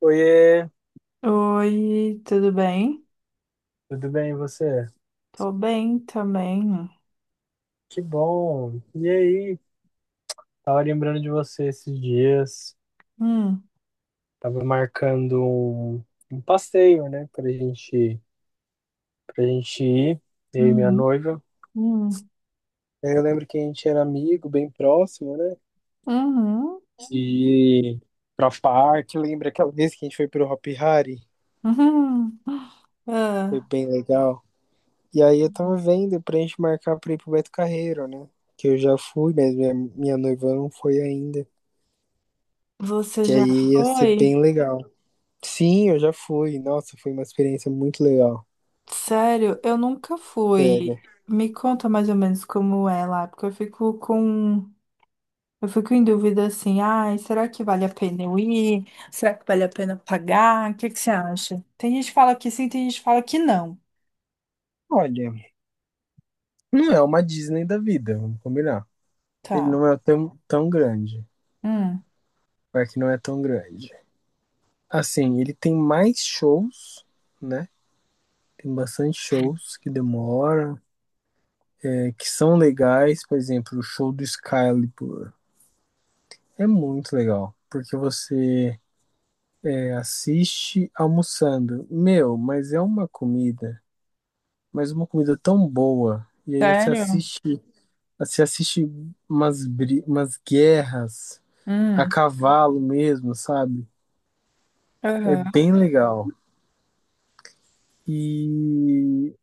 Oiê, Oi, tudo bem? tudo bem e você? Tô bem também. Que bom. E aí? Tava lembrando de você esses dias. Hum, Tava marcando um passeio, né, pra gente ir, eu e minha uhum, noiva. hum, Eu lembro que a gente era amigo, bem próximo, né? uhum, E pra parque, lembra aquela vez que a gente foi pro Hopi Hari? uhum. Foi Ah, bem legal. E aí eu tava vendo pra gente marcar pra ir pro Beto Carreiro, né? Que eu já fui, mas minha noiva não foi ainda. você Que já aí ia ser foi? bem legal. Sim, eu já fui. Nossa, foi uma experiência muito legal. Sério, eu nunca Sério. fui. Me conta mais ou menos como é lá, porque eu fico com. Eu fico em dúvida assim, ai, será que vale a pena eu ir? Será que vale a pena pagar? O que que você acha? Tem gente que fala que sim, tem gente que fala que não. Olha, não é uma Disney da vida, vamos combinar. Ele Tá. não é tão grande. Hum, Vai que não é tão grande. Assim, ele tem mais shows, né? Tem bastante shows que demoram, que são legais. Por exemplo, o show do Excalibur é muito legal. Porque você assiste almoçando. Meu, mas é uma comida, mas uma comida tão boa. E aí você sério? assiste Você assiste umas, umas guerras a Hum, cavalo mesmo, sabe? É aham. bem legal. E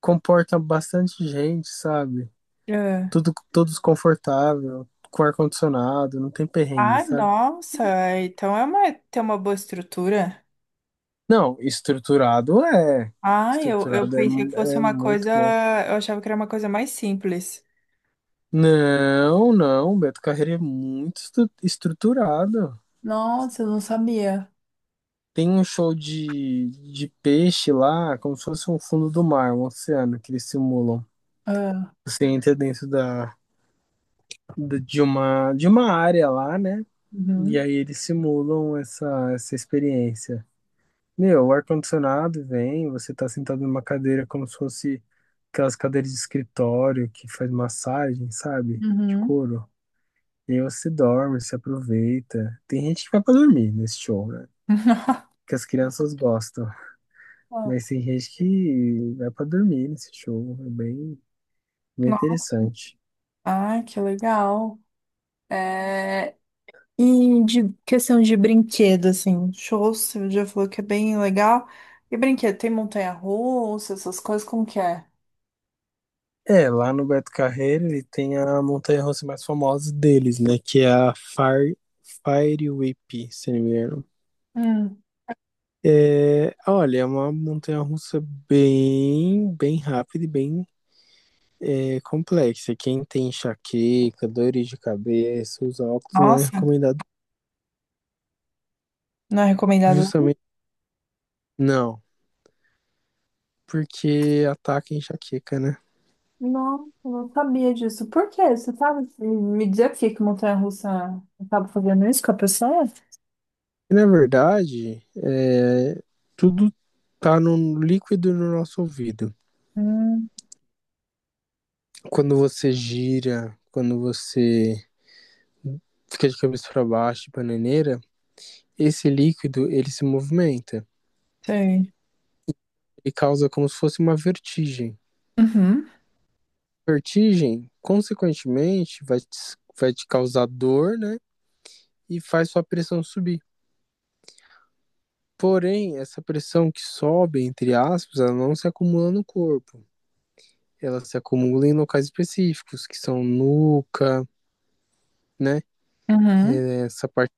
comporta bastante gente, sabe? É. Tudo, todos confortável, com ar-condicionado, não tem perrengue, Ah, sabe? nossa, então é uma, tem uma boa estrutura. Não, estruturado é. Ah, eu Estruturado é, pensei que fosse é uma muito coisa, bom. eu achava que era uma coisa mais simples. Não, não, Beto Carreiro é muito estruturado. Nossa, eu não sabia. Tem um show de peixe lá, como se fosse um fundo do mar, um oceano que eles simulam. Ah, Você entra dentro de uma área lá, né? E uhum, aí eles simulam essa experiência. Meu, o ar-condicionado vem, você tá sentado numa cadeira como se fosse aquelas cadeiras de escritório que faz massagem, sabe? De uhum. couro. E aí você dorme, se aproveita. Tem gente que vai pra dormir nesse show, né? Que as crianças gostam. Ah, Mas tem gente que vai pra dormir nesse show. É bem, bem nossa, interessante. ah, que legal. É, e de questão de brinquedo, assim, shows, você já falou que é bem legal. E brinquedo, tem montanha-russa, essas coisas, como que é? É, lá no Beto Carreiro ele tem a montanha-russa mais famosa deles, né? Que é a Fire, Fire Whip, se não me engano. Hum. É, olha, é uma montanha-russa bem, bem rápida e bem complexa. Quem tem enxaqueca, dores de cabeça, usa óculos, não é Nossa, recomendado não é recomendado? justamente. Não, porque ataca a enxaqueca, né? Não, eu não sabia disso. Por quê? Você sabe me dizer por que que montanha-russa acaba fazendo isso com a pessoa? Na verdade, tudo tá no líquido no nosso ouvido. Hum, Quando você gira, quando você fica de cabeça para baixo, de bananeira, esse líquido ele se movimenta sei. e causa como se fosse uma vertigem. Uhum, Vertigem, consequentemente, vai te causar dor, né? E faz sua pressão subir. Porém, essa pressão que sobe, entre aspas, ela não se acumula no corpo. Ela se acumula em locais específicos, que são nuca, né? uhum. Essa parte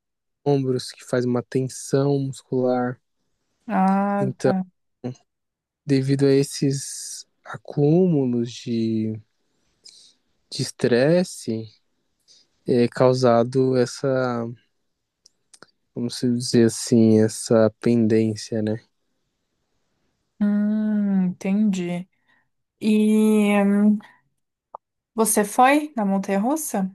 dos ombros que faz uma tensão muscular. Ah, Então, tá. devido a esses acúmulos de estresse, é causado essa, como se dizer assim, essa pendência, né? Entendi. E você foi na montanha-russa?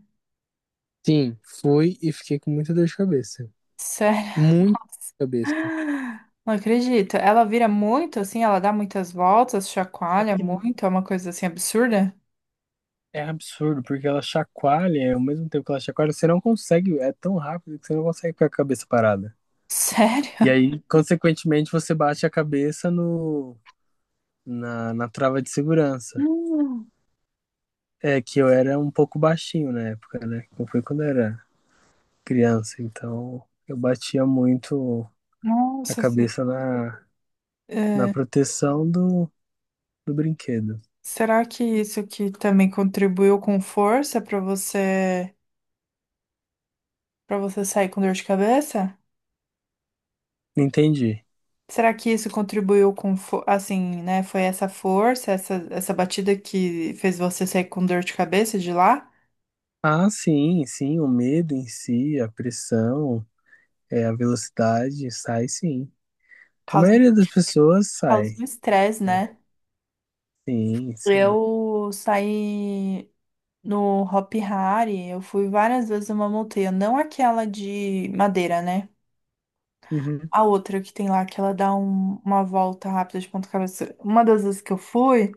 Sim, fui e fiquei com muita dor de cabeça. Sério? Muita dor de cabeça. Ah, não acredito. Ela vira muito assim, ela dá muitas voltas, É chacoalha que muito, é uma coisa assim absurda? é absurdo, porque ela chacoalha, ao mesmo tempo que ela chacoalha, você não consegue, é tão rápido que você não consegue ficar com a cabeça parada. E Sério? aí, consequentemente, você bate a cabeça no, na, na trava de segurança. Hum, É que eu era um pouco baixinho na época, né? Não Foi quando eu era criança, então eu batia muito a nossa, se- cabeça na é, proteção do brinquedo. será que isso que também contribuiu com força para você sair com dor de cabeça? Entendi. Será que isso contribuiu com fo- assim, né? Foi essa força, essa batida que fez você sair com dor de cabeça de lá? Ah, sim, sim, o medo em si, a pressão, a velocidade, sai sim. A Causa, maioria das pessoas sai, causa um estresse, né? né? Sim, sim. Eu saí no Hopi Hari, eu fui várias vezes numa montanha, não aquela de madeira, né? Uhum. A outra que tem lá, que ela dá um- uma volta rápida de ponta cabeça. Uma das vezes que eu fui,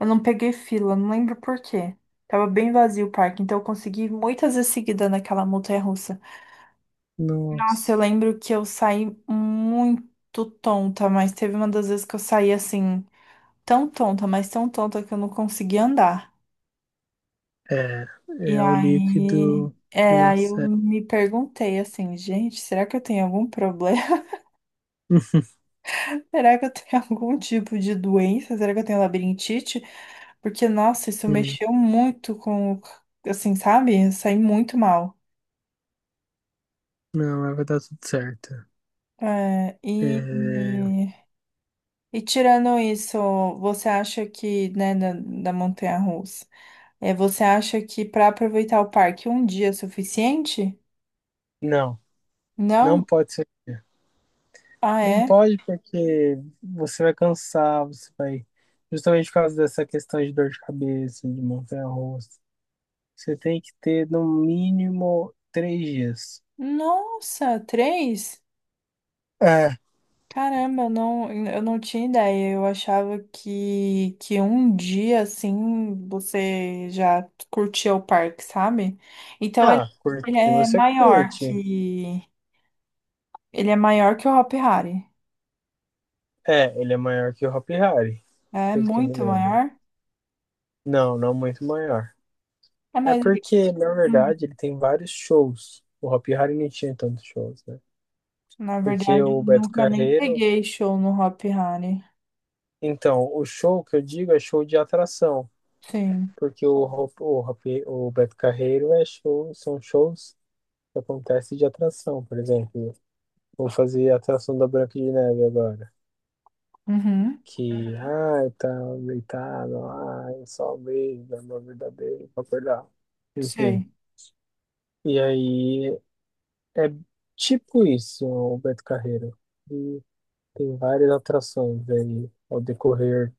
eu não peguei fila, não lembro por quê. Tava bem vazio o parque, então eu consegui ir muitas vezes seguida naquela montanha-russa. Nossa, Nossa. eu lembro que eu saí muito tonta, mas teve uma das vezes que eu saí assim, tão tonta, mas tão tonta que eu não consegui andar. É, E é o aí, líquido do é, nosso aí eu cérebro. me perguntei assim, gente, será que eu tenho algum problema? Será que eu tenho algum tipo de doença? Será que eu tenho labirintite? Porque, nossa, isso mexeu muito com, assim, sabe? Eu saí muito mal. Não, mas vai dar tudo certo. É, É, e, e tirando isso, você acha que, né, da, da montanha-russa, é, você acha que para aproveitar o parque um dia é suficiente? não, não Não? pode ser. Ah, Não é? pode porque você vai cansar, você vai. Justamente por causa dessa questão de dor de cabeça, de montanha-russa. Você tem que ter no mínimo 3 dias. Nossa, três? É, Caramba, eu não tinha ideia. Eu achava que um dia assim você já curtia o parque, sabe? Então ele, Ah, curte? ele é Você maior curte. que ele é maior que o Hopi Hari. É, ele é maior que o Hopi Hari, É pelo que eu me muito lembro. maior. Não, não muito maior. É, É mas ele- porque, na hum, verdade, ele tem vários shows. O Hopi Hari não tinha tantos shows, né? na Porque verdade eu o Beto nunca nem Carreiro. peguei show no Hopi Hari. Então, o show que eu digo é show de atração, Sim. porque o, ro- o, rape- o Beto Carreiro é show, são shows que acontecem de atração, por exemplo. Vou fazer a atração da Branca de Neve agora. Uhum. Que, ai, tá deitado, ai, só um beijo, amor verdadeiro, pra acordar. Enfim. Sei. E aí, é tipo isso, o Beto Carreiro. E tem várias atrações aí ao decorrer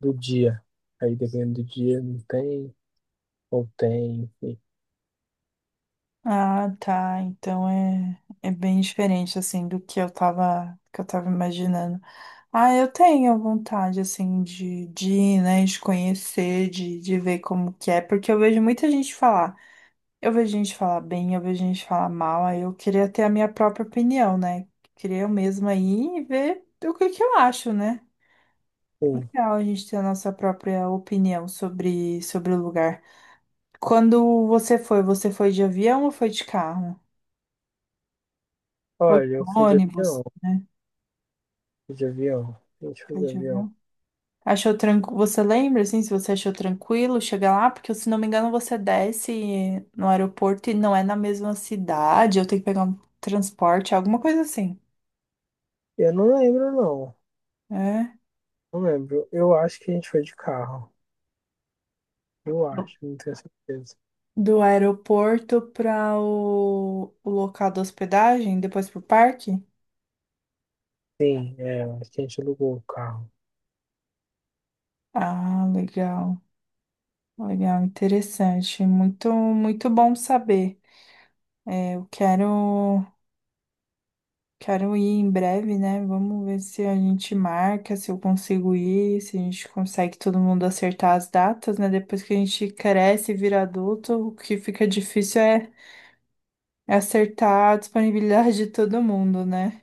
do dia. Aí dependendo do dia, não tem, ou tem, enfim. Ah, tá. Então é, é bem diferente assim do que eu tava imaginando. Ah, eu tenho vontade assim de ir, né, de conhecer, de ver como que é, porque eu vejo muita gente falar. Eu vejo gente falar bem, eu vejo gente falar mal, aí eu queria ter a minha própria opinião, né? Queria eu mesma ir e ver o que que eu acho, né? Sim. Legal a gente ter a nossa própria opinião sobre o lugar. Quando você foi de avião ou foi de carro? Ou de Olha, eu ônibus, né? fui de avião, a gente foi de Deixa eu avião. ver. Achou tranquilo? Você lembra, assim, se você achou tranquilo chegar lá? Porque, se não me engano, você desce no aeroporto e não é na mesma cidade. Eu tenho que pegar um transporte, alguma coisa assim. Eu não lembro, não, É. não lembro. Eu acho que a gente foi de carro, eu acho, não tenho certeza. Do aeroporto para o local da hospedagem, depois para o parque? Sim, acho que a gente alugou o carro. Ah, legal. Legal, interessante. Muito, muito bom saber. É, eu quero. Quero ir em breve, né? Vamos ver se a gente marca, se eu consigo ir, se a gente consegue todo mundo acertar as datas, né? Depois que a gente cresce e vira adulto, o que fica difícil é, é acertar a disponibilidade de todo mundo, né?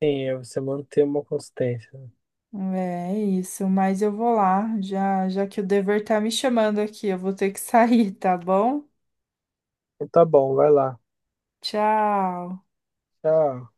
Sim, é você manter uma consistência, né? É é isso, mas eu vou lá, já, já que o dever tá me chamando aqui, eu vou ter que sair, tá bom? Então tá bom, vai lá. Tchau! Tchau.